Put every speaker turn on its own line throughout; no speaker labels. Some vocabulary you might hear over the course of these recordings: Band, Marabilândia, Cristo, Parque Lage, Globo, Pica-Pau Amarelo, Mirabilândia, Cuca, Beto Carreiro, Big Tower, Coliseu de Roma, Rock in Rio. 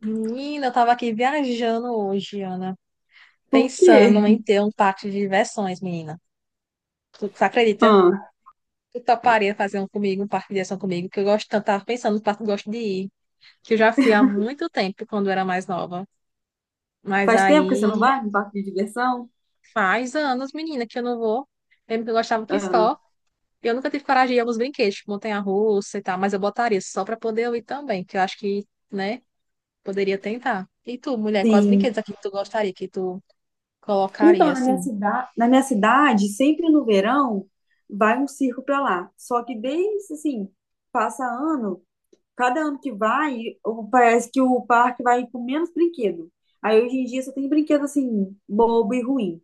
Menina, eu tava aqui viajando hoje, Ana,
Por quê?
pensando em ter um parque de diversões, menina. Tu acredita?
Ah,
Tu toparia fazer um comigo, um parque de diversão comigo, que eu gosto tanto, tava pensando no parque que eu gosto de ir, que eu já fui há muito tempo, quando eu era mais nova. Mas
faz tempo que você
aí
não vai no parque de diversão?
faz anos, menina, que eu não vou. Lembro que eu gostava que
Ah,
só. Eu nunca tive coragem de ir a alguns brinquedos, tipo montanha-russa e tal, mas eu botaria só pra poder eu ir também, que eu acho que, né, poderia tentar. E tu, mulher, quais
sim.
brinquedos aqui que tu gostaria, que tu colocaria,
Então, na minha
assim?
cidade, na minha cidade, sempre no verão, vai um circo para lá. Só que desde assim, passa ano, cada ano que vai, parece que o parque vai com menos brinquedo. Aí hoje em dia só tem brinquedo assim, bobo e ruim.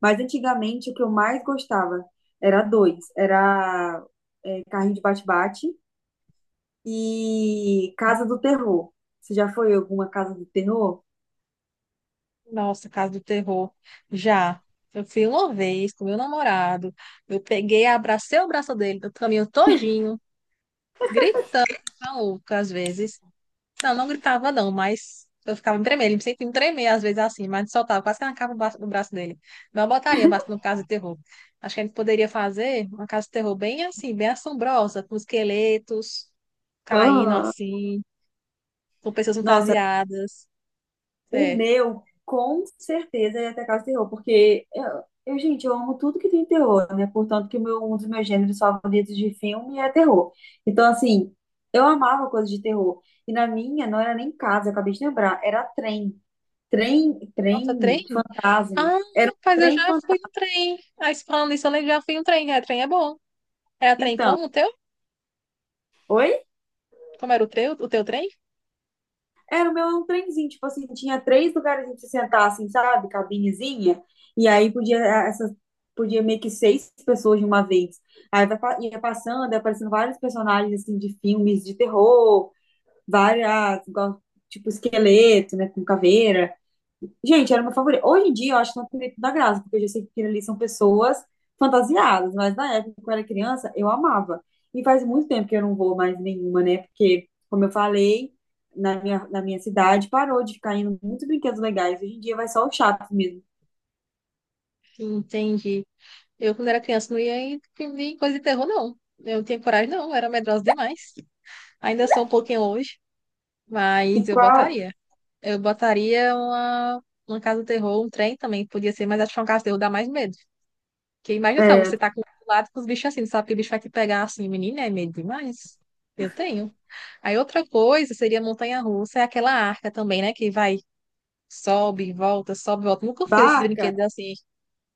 Mas antigamente o que eu mais gostava era dois, era carrinho de bate-bate e Casa do Terror. Você já foi em alguma Casa do Terror?
Nossa, Casa do Terror. Já. Eu fui uma vez com meu namorado. Eu peguei, abracei o braço dele do caminho todinho, gritando, maluco, às vezes. Não, não gritava não, mas eu ficava me tremendo. Ele me sentia me tremer às vezes assim, mas soltava, quase que arrancava o braço dele. Não botaria braço no Casa do Terror. Acho que a gente poderia fazer uma Casa do Terror bem assim, bem assombrosa, com esqueletos caindo
Aham.
assim, com pessoas
Nossa,
fantasiadas.
o
É.
meu, com certeza, ia ter Casa do Terror, porque eu, gente, eu amo tudo que tem terror, né? Portanto, que o meu, um dos meus gêneros favoritos de filme é terror. Então, assim, eu amava coisa de terror. E na minha, não era nem casa, eu acabei de lembrar, era trem. Trem,
Nossa, trem?
trem fantasma.
Ah,
Era um
rapaz, eu
trem
já fui
fantasma.
no trem. Aí, se falando nisso, eu lembro, já fui no trem. É, trem é bom. Era trem
Então,
como o teu?
oi?
Como era o teu trem?
Era o meu era um trenzinho, tipo assim, tinha três lugares pra você sentar, assim, sabe? Cabinezinha. E aí podia, podia meio que seis pessoas de uma vez. Aí ia passando, ia aparecendo vários personagens, assim, de filmes de terror, várias, igual, tipo, esqueleto, né, com caveira. Gente, era o meu favorito. Hoje em dia eu acho que não tem muito da graça, porque eu já sei que aquilo ali são pessoas fantasiadas, mas na época, quando eu era criança, eu amava. E faz muito tempo que eu não vou mais nenhuma, né? Porque, como eu falei, na minha cidade parou de ficar indo muitos brinquedos legais. Hoje em dia vai só o chato mesmo.
Entendi. Eu, quando era criança, não ia em coisa de terror, não. Eu não tinha coragem, não. Eu era medrosa demais. Ainda sou um pouquinho hoje, mas
E
eu
qual?
botaria. Eu botaria uma casa do terror, um trem também, podia ser, mas acho que uma casa do terror dá mais medo. Porque imagina só, você tá com do lado com os bichos assim, sabe que o bicho vai te pegar assim, menina, é medo demais. Eu tenho. Aí outra coisa seria montanha-russa, é aquela arca também, né? Que vai, sobe, volta, sobe, volta. Nunca fiz esses
Barca?
brinquedos assim.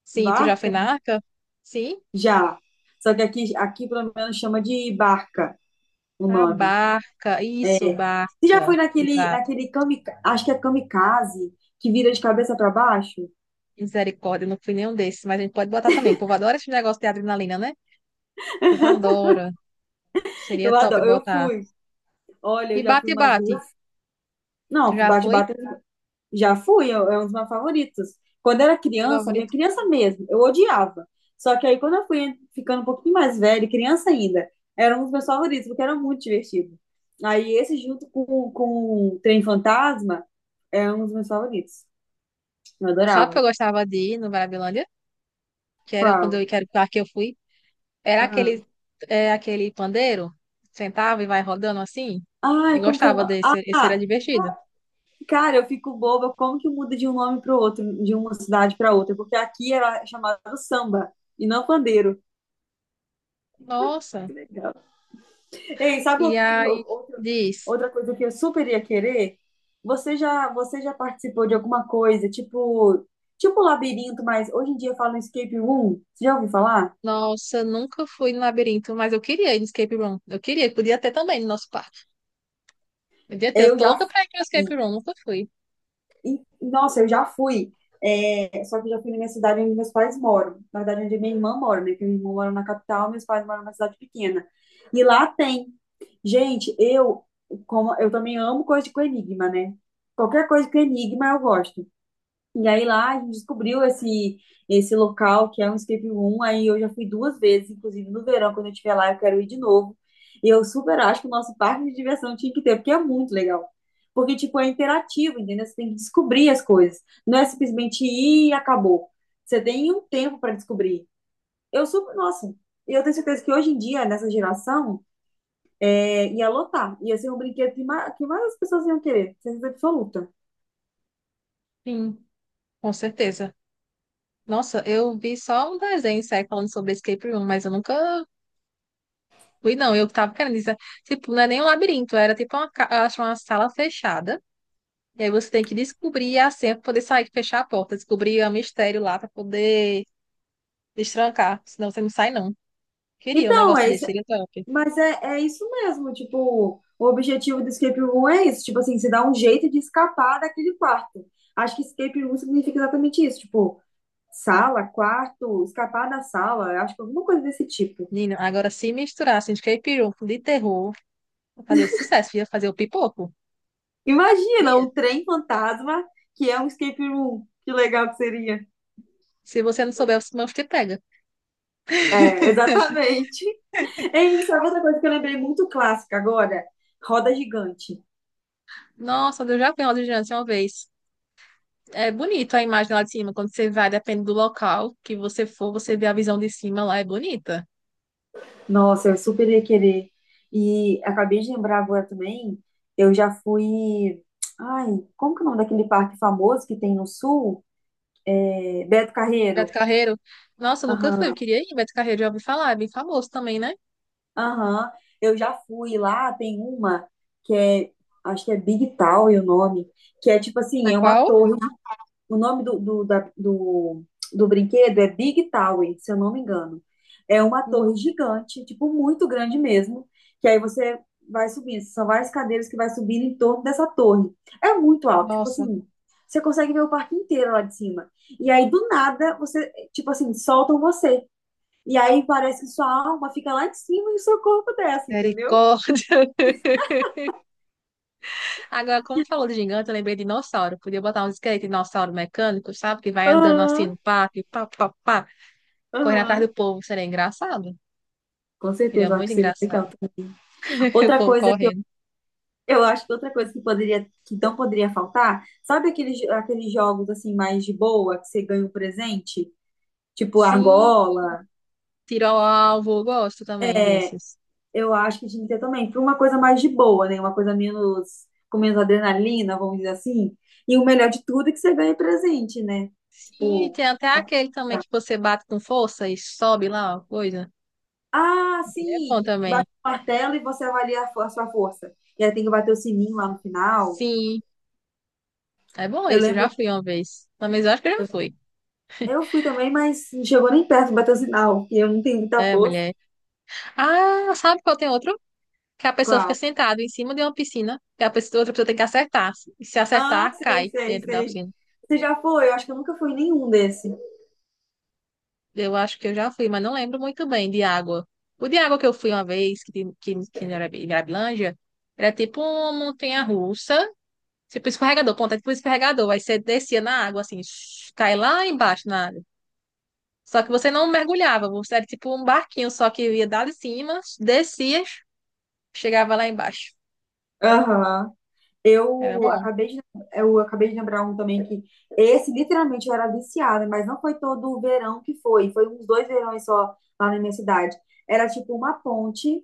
Sim, tu já foi
Barca?
na arca? Sim?
Já. Só que aqui, pelo menos, chama de barca o
A
nome.
barca, isso,
Você já
barca.
foi naquele,
Exato.
naquele acho que é kamikaze, que vira de cabeça para baixo?
Misericórdia, eu não fui nenhum desses, mas a gente pode botar também. O povo adora esse negócio de adrenalina, né? O povo adora. Seria
Eu
top
adoro, eu
botar.
fui. Olha, eu
E
já fui
bate,
umas
bate.
duas.
Tu
Não,
já foi?
bate-bata já fui, é um dos meus favoritos. Quando eu era
Meu
criança, minha
favorito.
criança mesmo, eu odiava. Só que aí quando eu fui ficando um pouquinho mais velha, criança ainda, era um dos meus favoritos, porque era muito divertido. Aí esse junto com o Trem Fantasma é um dos meus favoritos. Eu
Sabe o que
adorava.
eu gostava de ir no Marabilândia? Que era quando
Qual?
eu, quero parque que eu fui, era
Ah.
aquele, é, aquele pandeiro, sentava e vai rodando assim. Eu
Ai, como que é o
gostava
nome?
desse, esse era
Ah,
divertido.
cara, eu fico boba como que muda de um nome para o outro, de uma cidade para outra, porque aqui era chamado samba e não pandeiro.
Nossa,
Ei, sabe
e aí diz,
outra coisa que eu super ia querer? Você já participou de alguma coisa, tipo um labirinto, mas hoje em dia fala escape room? Você já ouviu falar?
nossa, nunca fui no labirinto, mas eu queria ir no escape room. Eu queria, podia ter também no nosso parque. Podia ter, eu
Eu
tô
já
louca pra ir no escape
fui.
room, nunca fui.
E, nossa, eu já fui. É, só que eu já fui na minha cidade onde meus pais moram. Na verdade, onde minha irmã mora, né? Porque minha irmã mora na capital, meus pais moram numa cidade pequena. E lá tem. Gente, eu também amo coisa com enigma, né? Qualquer coisa com enigma eu gosto. E aí lá a gente descobriu esse local que é um escape room. Aí eu já fui duas vezes, inclusive no verão, quando eu estiver lá, eu quero ir de novo. E eu super acho que o nosso parque de diversão tinha que ter, porque é muito legal. Porque, tipo, é interativo, entendeu? Você tem que descobrir as coisas. Não é simplesmente ir e acabou. Você tem um tempo para descobrir. Eu super, nossa, eu tenho certeza que hoje em dia, nessa geração, é, ia lotar. Ia ser um brinquedo que mais as pessoas iam querer. Certeza absoluta.
Sim, com certeza. Nossa, eu vi só um desenho, sério, falando sobre escape room, mas eu nunca fui, não. Eu tava querendo dizer, tipo, não é nem um labirinto, era tipo uma, ca- eu acho uma sala fechada. E aí você tem que descobrir a senha para poder sair, fechar a porta, descobrir o mistério lá para poder destrancar, senão você não sai não. Queria um
Então,
negócio
é
desse,
isso.
seria top.
Mas é isso mesmo, tipo, o objetivo do escape room é isso, tipo assim, se dá um jeito de escapar daquele quarto. Acho que escape room significa exatamente isso, tipo, sala, quarto, escapar da sala, acho que alguma coisa desse tipo.
Nino, agora se misturasse escape room de terror, ia fazer sucesso, ia fazer o pipoco.
Imagina
Ia.
um trem fantasma que é um escape room. Que legal que seria.
Se você não souber, os mãos te pega.
É, exatamente. É isso, sabe outra coisa que eu lembrei muito clássica agora? Roda gigante.
Nossa, eu já vi uma audiência uma vez. É bonito a imagem lá de cima, quando você vai, depende do local que você for, você vê a visão de cima lá, é bonita.
Nossa, eu super ia querer. E acabei de lembrar agora também, eu já fui. Ai, como que é o nome daquele parque famoso que tem no sul? É, Beto
Beto
Carreiro.
Carreiro, nossa, eu nunca fui, eu
Aham,
queria ir, Beto Carreiro, já ouvi falar, é bem famoso também, né?
aham. Eu já fui lá, tem uma que é, acho que é Big Tower o nome, que é tipo
É
assim, é uma
qual?
torre. O nome do brinquedo é Big Tower, se eu não me engano. É uma torre gigante, tipo, muito grande mesmo. Que aí você vai subindo. São várias cadeiras que vai subindo em torno dessa torre. É muito alto, tipo
Nossa,
assim. Você consegue ver o parque inteiro lá de cima. E aí, do nada, você, tipo assim, soltam você. E aí parece que sua alma fica lá de cima e o seu corpo desce, entendeu?
misericórdia. Agora, como falou de gigante, eu lembrei de dinossauro. Podia botar uns esqueletos de dinossauro mecânico, sabe? Que vai andando assim no
Aham,
parque, pá, pá, pá, correndo atrás
aham.
do povo. Seria engraçado.
Com
Seria
certeza, eu acho que
muito
seria
engraçado.
legal.
O
Outra
povo
coisa,
correndo.
eu acho que outra coisa que poderia, que não poderia faltar, sabe aqueles, aqueles jogos assim mais de boa que você ganha um presente, tipo
Sim,
argola?
tiro ao alvo. Eu gosto também
É,
desses.
eu acho que tinha que ter também, para uma coisa mais de boa, né? Uma coisa menos com menos adrenalina, vamos dizer assim. E o melhor de tudo é que você ganha presente, né?
Sim,
Tipo,
tem até
a-
aquele também que você bate com força e sobe lá, ó, coisa.
ah,
Ele é
sim,
bom
que
também.
bate o martelo e você avalia a, a sua força. E aí tem que bater o sininho lá no final.
Sim, é bom
Eu
esse. Eu
lembro,
já fui uma vez. Mas eu acho que eu já fui.
eu fui também, mas não chegou nem perto, bateu sinal, e eu não tenho muita
É,
força.
mulher. Ah, sabe qual tem outro? Que a pessoa fica
Qual?
sentada em cima de uma piscina, que a pessoa- outra pessoa tem que acertar. E se
Ah,
acertar,
sei,
cai
sei,
dentro da
sei.
piscina.
Você já foi? Eu acho que eu nunca fui em nenhum desse.
Eu acho que eu já fui, mas não lembro muito bem de água. O de água que eu fui uma vez, que, tem- que era em Mirabilândia, era tipo uma montanha-russa, tipo escorregador, ponta, tipo escorregador. Aí você descia na água, assim, shh, cai lá embaixo na água. Só que você não mergulhava, você era tipo um barquinho, só que ia dar de cima, descia, chegava lá embaixo.
Aham.
Era
Eu
bom.
acabei de, eu acabei de lembrar um também que esse literalmente eu era viciada, mas não foi todo o verão que foi, foi uns dois verões só lá na minha cidade. Era tipo uma ponte,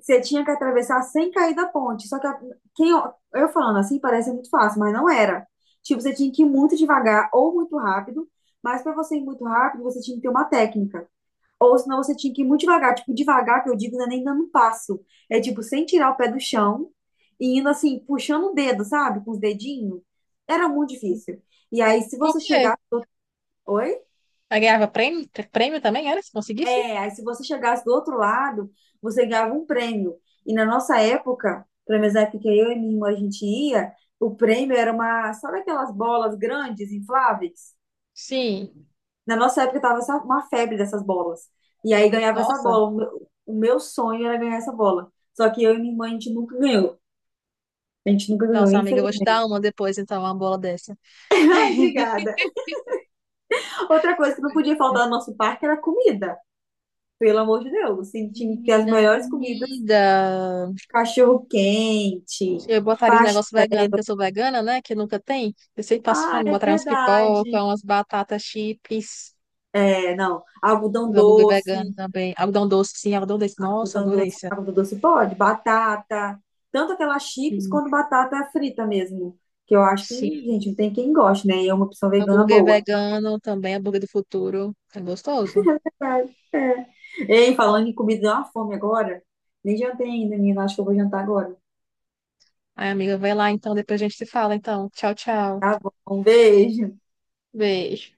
você tinha que atravessar sem cair da ponte. Só que eu falando assim parece muito fácil, mas não era. Tipo, você tinha que ir muito devagar ou muito rápido, mas para você ir muito rápido, você tinha que ter uma técnica. Ou senão você tinha que ir muito devagar. Tipo, devagar, que eu digo, não é nem dando um passo. É tipo, sem tirar o pé do chão e indo assim, puxando o dedo, sabe? Com os dedinhos. Era muito difícil. E aí, se
Por
você
quê?
chegar. Oi?
Aí ganhava prêmio, prêmio também, era? Se conseguisse?
Reais. Se você chegasse do outro lado, você ganhava um prêmio. E na nossa época, pelo menos na época que eu e minha irmã a gente ia, o prêmio era uma, sabe aquelas bolas grandes, infláveis?
Sim.
Na nossa época tava uma febre dessas bolas. E aí ganhava essa
Nossa.
bola. O meu sonho era ganhar essa bola. Só que eu e minha irmã a gente nunca ganhou. A gente nunca ganhou,
Nossa, amiga, eu vou te
infelizmente.
dar uma depois, então, uma bola dessa.
Ai, obrigada. Outra coisa que não podia
Ih,
faltar no nosso parque era comida. Pelo amor de Deus, assim, tinha que ter as
menina,
melhores comidas.
comida.
Cachorro quente,
Eu botaria um negócio vegano, porque eu sou vegana, né? Que nunca tem. Eu sempre passo
ah,
fome,
é
botaria uns
verdade.
pipoca, umas batatas chips,
É, não. Algodão
uns hambúrguer vegano
doce,
também. Algodão doce, sim, algodão doce. Nossa,
algodão
adorei
doce,
isso.
algodão doce pode, batata, tanto aquela chips
Sim,
quanto batata frita mesmo. Que eu acho que,
sim.
gente, não tem quem goste, né? E é uma opção vegana
Hambúrguer
boa.
vegano também, hambúrguer do futuro. É gostoso.
É, é. Ei, falando em comida, deu uma fome agora. Nem jantei ainda, menina. Acho que eu vou jantar agora.
Ai, amiga, vai lá então, depois a gente se fala, então. Tchau, tchau.
Tá bom, um beijo.
Beijo.